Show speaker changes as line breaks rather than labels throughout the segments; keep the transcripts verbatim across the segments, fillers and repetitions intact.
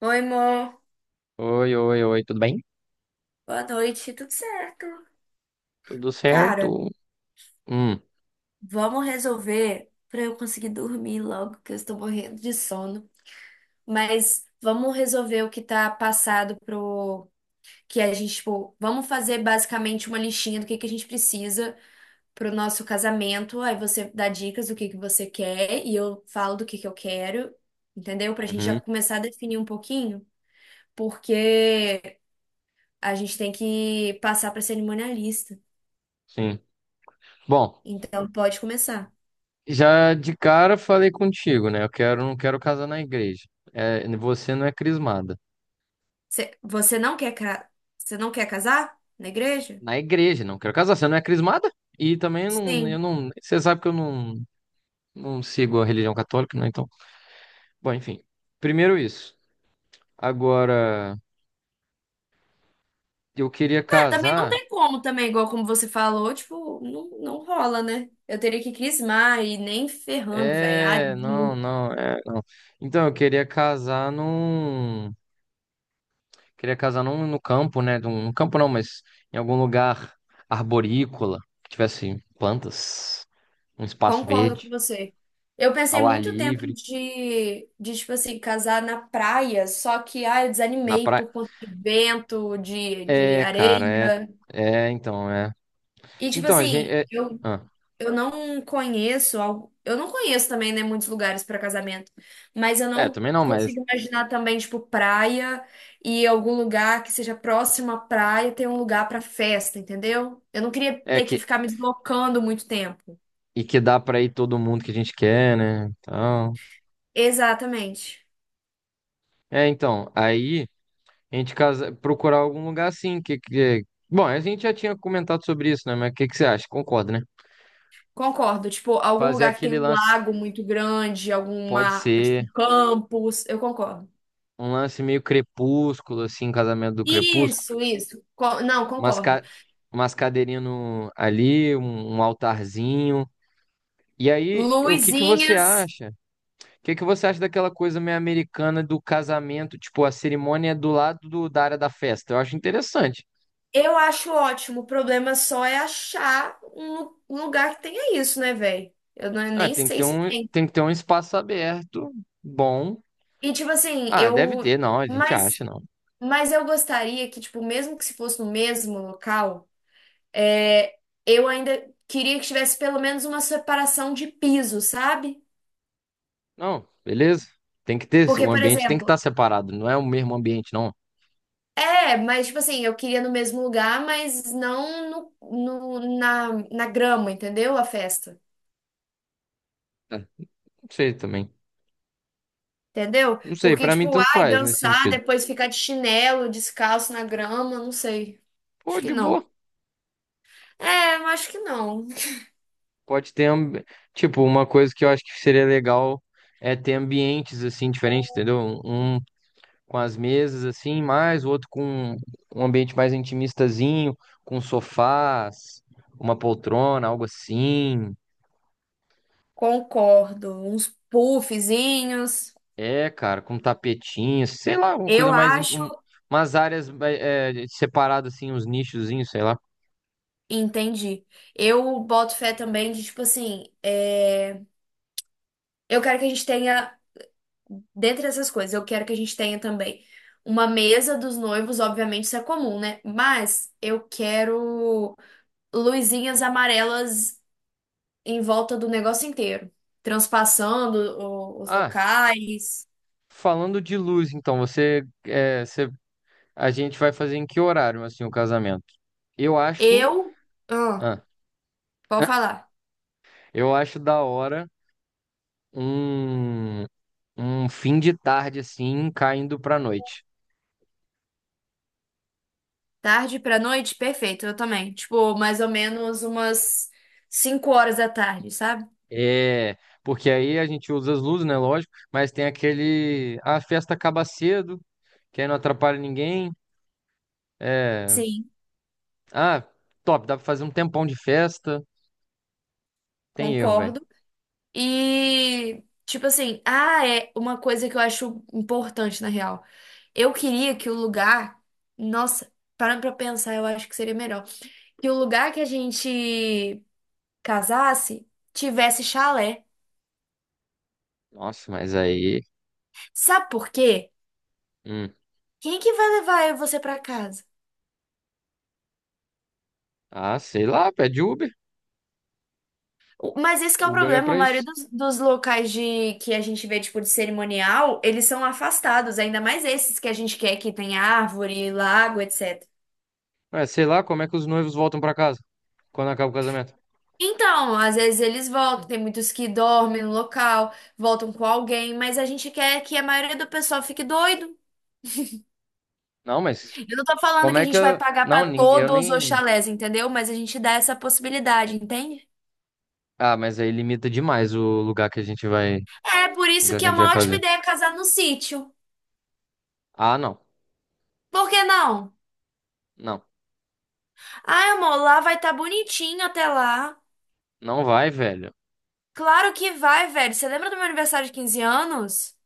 Oi, amor.
Oi, oi, oi, tudo bem?
Boa noite. Tudo certo?
Tudo
Cara,
certo? Hum,
vamos resolver pra eu conseguir dormir logo, que eu estou morrendo de sono. Mas vamos resolver o que tá passado pro que a gente, tipo, vamos fazer basicamente uma listinha do que que a gente precisa pro nosso casamento. Aí você dá dicas do que que você quer e eu falo do que que eu quero, entendeu? Pra gente já
uhum,
começar a definir um pouquinho, porque a gente tem que passar pra cerimonialista.
sim. Bom,
Então pode começar.
já de cara falei contigo, né? Eu quero, não quero casar na igreja. É, você não é crismada.
Cê- Você não quer, ca- você não quer casar na igreja?
Na igreja, não quero casar. Você não é crismada? E também não, eu
Sim.
não. Você sabe que eu não, não sigo a religião católica, né? Então, bom, enfim. Primeiro isso. Agora, eu queria
É, também não
casar.
tem como, também, igual como você falou, tipo, não, não rola, né? Eu teria que crismar e nem ferrando, velho. Ai,
É, não,
muito.
não, é, não. Então, eu queria casar num. Queria casar num, no campo, né? Num, no campo não, mas em algum lugar arborícola, que tivesse plantas, um espaço
Concordo
verde,
com você. Eu pensei
ao ar
muito tempo
livre,
de, de, tipo assim, casar na praia, só que, ai, eu
na
desanimei
praia.
por conta de vento, de, de
É, cara,
areia.
é. É, então, é.
E, tipo
Então, a gente.
assim,
É,
eu
ah,
Eu não conheço, algo- eu não conheço também, né, muitos lugares para casamento, mas eu
é,
não
também não, mas.
consigo imaginar também, tipo, praia e algum lugar que seja próximo à praia ter um lugar para festa, entendeu? Eu não queria
É
ter que
que.
ficar me deslocando muito tempo.
E que dá pra ir todo mundo que a gente quer, né? Então.
Exatamente.
É, então. Aí, a gente casa, procurar algum lugar assim. Que, que... Bom, a gente já tinha comentado sobre isso, né? Mas o que, que você acha? Concorda, né?
Concordo, tipo, algum
Fazer
lugar que tem
aquele
um
lance.
lago muito grande,
Pode
alguma, tipo,
ser.
um campus, eu concordo.
Um lance meio crepúsculo, assim, casamento do crepúsculo.
Isso, isso. Co- não,
Umas,
concordo.
ca... umas cadeirinhas no... ali, um, um altarzinho. E aí, o que que você
Luzinhas.
acha? O que que você acha daquela coisa meio americana do casamento? Tipo, a cerimônia é do lado do- da área da festa. Eu acho interessante.
Eu acho ótimo. O problema só é achar um lu- um lugar que tenha isso, né, velho? Eu não-
Ah,
Nem
tem que
sei
ter
se
um,
tem.
tem que ter um espaço aberto, bom.
E tipo assim,
Ah, deve
eu.
ter, não, a gente acha,
Mas,
não.
mas eu gostaria que, tipo, mesmo que se fosse no mesmo local, é, eu ainda queria que tivesse pelo menos uma separação de piso, sabe?
Não, beleza. Tem que ter,
Porque,
o
por
ambiente tem que estar
exemplo,
separado, não é o mesmo ambiente, não.
é, mas tipo assim, eu queria no mesmo lugar, mas não no, no- na, na grama, entendeu? A festa.
É, não sei também.
Entendeu?
Não sei,
Porque,
pra mim
tipo,
tanto
ai,
faz nesse
dançar,
sentido.
depois ficar de chinelo, descalço na grama, não sei. Acho
Pô,
que
de
não.
boa.
É, eu acho que não.
Pode ter, ambi- tipo, uma coisa que eu acho que seria legal é ter ambientes assim diferentes, entendeu? Um com as mesas assim, mais o outro com um ambiente mais intimistazinho, com sofás, uma poltrona, algo assim.
Concordo. Uns puffzinhos.
É, cara, com tapetinho, sei lá, uma coisa
Eu
mais in-
acho.
um- umas áreas é, separadas assim, uns nichozinhos, sei lá.
Entendi. Eu boto fé também de, tipo assim, é, eu quero que a gente tenha, dentre essas coisas, eu quero que a gente tenha também uma mesa dos noivos, obviamente isso é comum, né? Mas eu quero luzinhas amarelas em volta do negócio inteiro, transpassando o- os
Ah,
locais.
falando de luz, então, você é você a gente vai fazer em que horário, assim, o casamento? Eu acho.
Eu. ah,
ah,
Pode falar.
eu acho da hora um, um fim de tarde, assim, caindo pra noite.
Tarde pra noite, perfeito, eu também. Tipo, mais ou menos umas cinco horas da tarde, sabe?
É, porque aí a gente usa as luzes, né? Lógico, mas tem aquele. Ah, a festa acaba cedo, que aí não atrapalha ninguém. É.
Sim,
Ah, top, dá pra fazer um tempão de festa. Tem erro, velho.
concordo. E tipo assim, ah, é uma coisa que eu acho importante na real. Eu queria que o lugar, nossa, parando pra pensar, eu acho que seria melhor que o lugar que a gente casasse tivesse chalé.
Nossa, mas aí.
Sabe por quê?
Hum.
Quem que vai levar você pra casa?
Ah, sei lá, pede Uber.
O- Mas esse que é o
Uber é
problema, a
pra
maioria
isso.
dos, dos locais de que a gente vê, tipo, de cerimonial, eles são afastados, ainda mais esses que a gente quer que tem árvore, lago, et cetera.
É, sei lá, como é que os noivos voltam pra casa quando acaba o casamento?
Então, às vezes eles voltam, tem muitos que dormem no local, voltam com alguém, mas a gente quer que a maioria do pessoal fique doido.
Não, mas
Eu não tô falando
como
que a
é que
gente vai
eu...
pagar pra
Não, nin- eu
todos os
nem...
chalés, entendeu? Mas a gente dá essa possibilidade, entende?
Ah, mas aí limita demais o lugar que a gente vai,
É por
o
isso
lugar
que
que a
é
gente vai
uma ótima
fazer.
ideia casar no sítio.
Ah, não.
Por que não?
Não.
Ai, amor, lá vai estar bonitinho até lá.
Não vai, velho.
Claro que vai, velho. Você lembra do meu aniversário de quinze anos?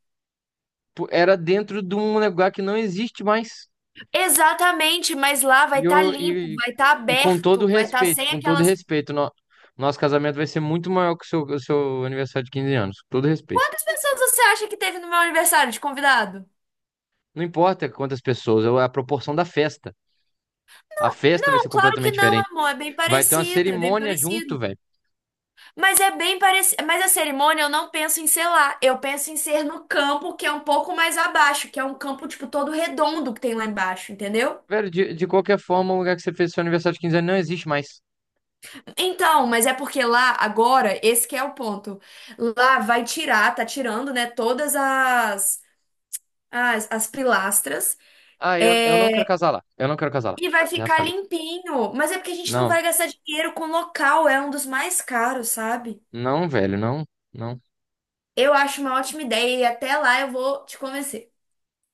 Pô, era dentro de um lugar que não existe mais.
Exatamente, mas lá vai
E,
estar
eu,
limpo,
e,
vai estar
e com todo
aberto, vai estar
respeito,
sem
com todo
aquelas.
respeito, no- nosso casamento vai ser muito maior que o seu, o seu aniversário de quinze anos. Com todo respeito.
Quantas pessoas você acha que teve no meu aniversário de convidado?
Não importa quantas pessoas, é a proporção da festa. A festa vai ser
Não, claro que
completamente
não,
diferente.
amor. É bem
Vai ter uma
parecido, é bem
cerimônia
parecido.
junto, velho.
Mas é bem parecido. Mas a cerimônia eu não penso em ser lá. Eu penso em ser no campo que é um pouco mais abaixo, que é um campo, tipo, todo redondo que tem lá embaixo, entendeu?
Velho, de, de qualquer forma, o lugar que você fez seu aniversário de quinze anos não existe mais.
Então, mas é porque lá, agora, esse que é o ponto. Lá vai tirar, tá tirando, né, todas as, as, as pilastras.
Ah, eu, eu não quero
é,
casar lá. Eu não quero casar lá.
e vai
Já
ficar
falei.
limpinho. Mas é porque a gente não
Não,
vai gastar dinheiro com local, é um dos mais caros, sabe?
não, velho, não, não.
Eu acho uma ótima ideia e até lá eu vou te convencer.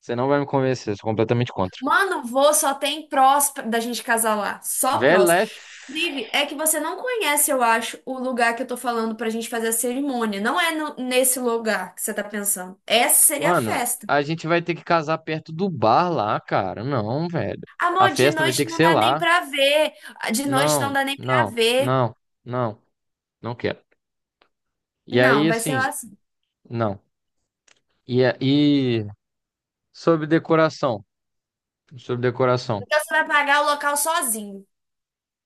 Você não vai me convencer, eu sou completamente contra.
Mano, vou só tem prós da gente casar lá. Só
Velho,
prós.
lá é. F-
Inclusive, é que você não conhece, eu acho, o lugar que eu tô falando pra gente fazer a cerimônia. Não é no- nesse lugar que você tá pensando. Essa seria a
Mano,
festa.
a gente vai ter que casar perto do bar lá, cara. Não, velho. A
Amor, de
festa vai ter
noite
que
não
ser
dá nem
lá.
pra ver. De noite não
Não,
dá nem pra
não,
ver.
não, não, não quero. E aí,
Não, vai ser
assim,
lá assim.
não. E, a- e sobre decoração. Sobre decoração.
Então você vai pagar o local sozinho.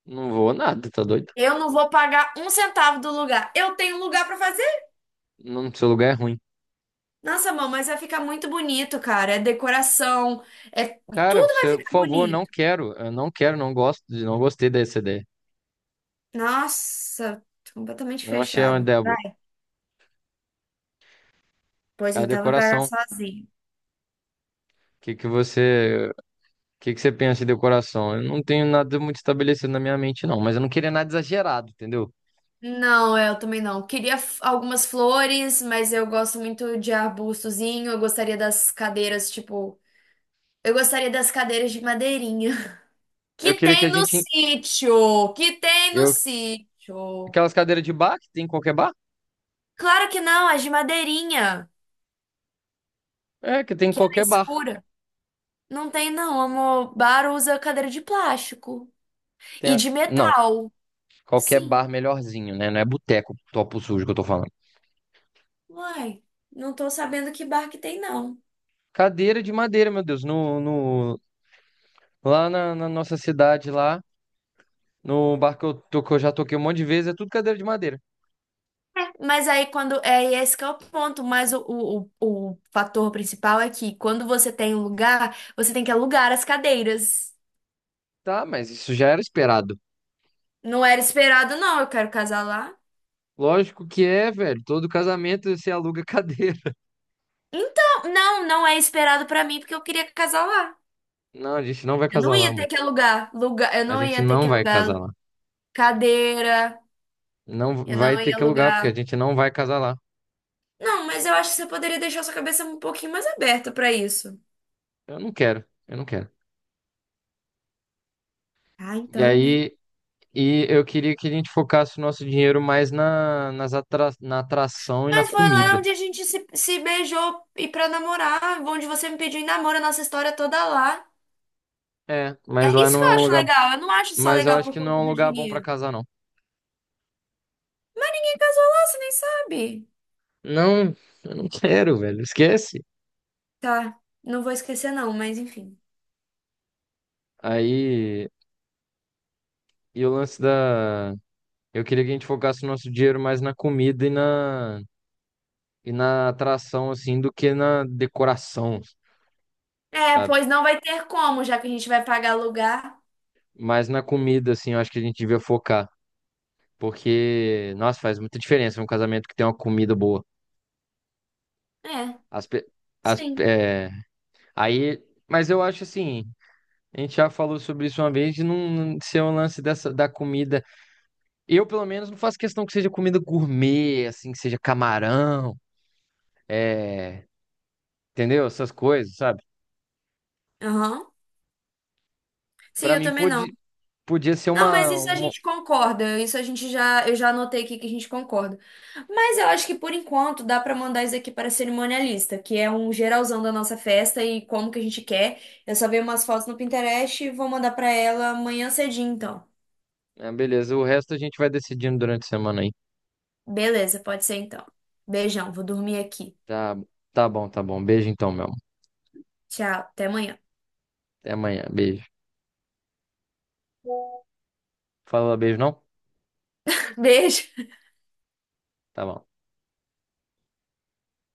Não vou nada, tá doido?
Eu não vou pagar um centavo do lugar. Eu tenho lugar pra fazer.
Não, seu lugar é ruim.
Nossa, amor, mas vai ficar muito bonito, cara. É decoração, é
Cara,
tudo vai
você, por
ficar
favor, não
bonito.
quero. Eu não quero, não gosto, de- não gostei dessa ideia.
Nossa, tô completamente
Não achei uma
fechado.
ideia boa.
Vai, pois
A
então vai pagar
decoração. O
sozinho.
que que você, o que que você pensa em decoração? Eu não tenho nada muito estabelecido na minha mente, não. Mas eu não queria nada exagerado, entendeu?
Não, é, eu também não. Queria f- algumas flores, mas eu gosto muito de arbustozinho. Eu gostaria das cadeiras, tipo. Eu gostaria das cadeiras de madeirinha.
Eu
Que
queria que a
tem no
gente,
sítio! Que tem no
eu,
sítio!
aquelas cadeiras de bar que tem em qualquer bar?
Claro que não, as de madeirinha,
É, que tem em
que era
qualquer bar.
escura. Não tem, não, amor. Bar usa cadeira de plástico
Tem
e
a-
de
não,
metal.
qualquer
Sim.
bar melhorzinho, né? Não é boteco, topo sujo que eu tô falando.
Uai, não tô sabendo que bar que tem, não.
Cadeira de madeira, meu Deus, no, no, lá na na nossa cidade lá. No bar que eu, to- que eu já toquei um monte de vezes, é tudo cadeira de madeira.
É, mas aí quando. É e é esse que é o ponto. Mas o, o, o, o fator principal é que quando você tem um lugar, você tem que alugar as cadeiras.
Tá, mas isso já era esperado.
Não era esperado, não. Eu quero casar lá.
Lógico que é, velho. Todo casamento você aluga cadeira.
Então, não, não é esperado pra mim, porque eu queria casar lá.
Não, a gente não vai
Eu não
casar lá,
ia
amor.
ter que alugar lugar. Eu
A
não
gente
ia ter
não
que
vai casar
alugar
lá.
cadeira.
Não
Eu
vai
não
ter
ia
que alugar, porque a
alugar.
gente não vai casar lá.
Não, mas eu acho que você poderia deixar sua cabeça um pouquinho mais aberta pra isso.
Eu não quero, eu não quero.
Ah,
E
então, né?
aí, e eu queria que a gente focasse o nosso dinheiro mais na, nas atra, na atração e na
Mas foi lá
comida.
onde a gente se, se beijou e pra namorar, onde você me pediu em namoro a nossa história toda lá.
É,
É
mas lá
isso
não
que
é
eu
um
acho
lugar.
legal. Eu não acho só
Mas eu
legal
acho
por
que não
conta
é um
do
lugar bom pra
dinheiro.
casar, não.
Quem casou lá, você nem sabe.
Não, eu não quero, velho. Esquece.
Tá, não vou esquecer não, mas enfim.
Aí. E o lance da. Eu queria que a gente focasse o nosso dinheiro mais na comida e na, e na atração, assim, do que na decoração,
É,
sabe?
pois não vai ter como, já que a gente vai pagar lugar.
Mas na comida, assim, eu acho que a gente devia focar. Porque, nossa, faz muita diferença um casamento que tem uma comida boa.
É,
As, pe- as,
sim.
é, aí, mas eu acho assim, a gente já falou sobre isso uma vez, de não não ser um lance dessa, da comida. Eu, pelo menos, não faço questão que seja comida gourmet, assim, que seja camarão, é, entendeu? Essas coisas, sabe?
Aham. Sim,
Pra
eu
mim,
também não.
pode, podia ser
Não, mas
uma,
isso a
uma.
gente concorda. Isso a gente já, eu já anotei aqui que a gente concorda. Mas eu acho que por enquanto dá pra mandar isso aqui para a cerimonialista, que é um geralzão da nossa festa e como que a gente quer. Eu só vi umas fotos no Pinterest e vou mandar pra ela amanhã cedinho, então.
Ah, beleza, o resto a gente vai decidindo durante a semana aí.
Beleza, pode ser então. Beijão, vou dormir aqui.
Tá, tá bom, tá bom. Beijo então, meu amor.
Tchau, até amanhã.
Até amanhã. Beijo. Fala beijo, não?
Beijo.
Tá bom.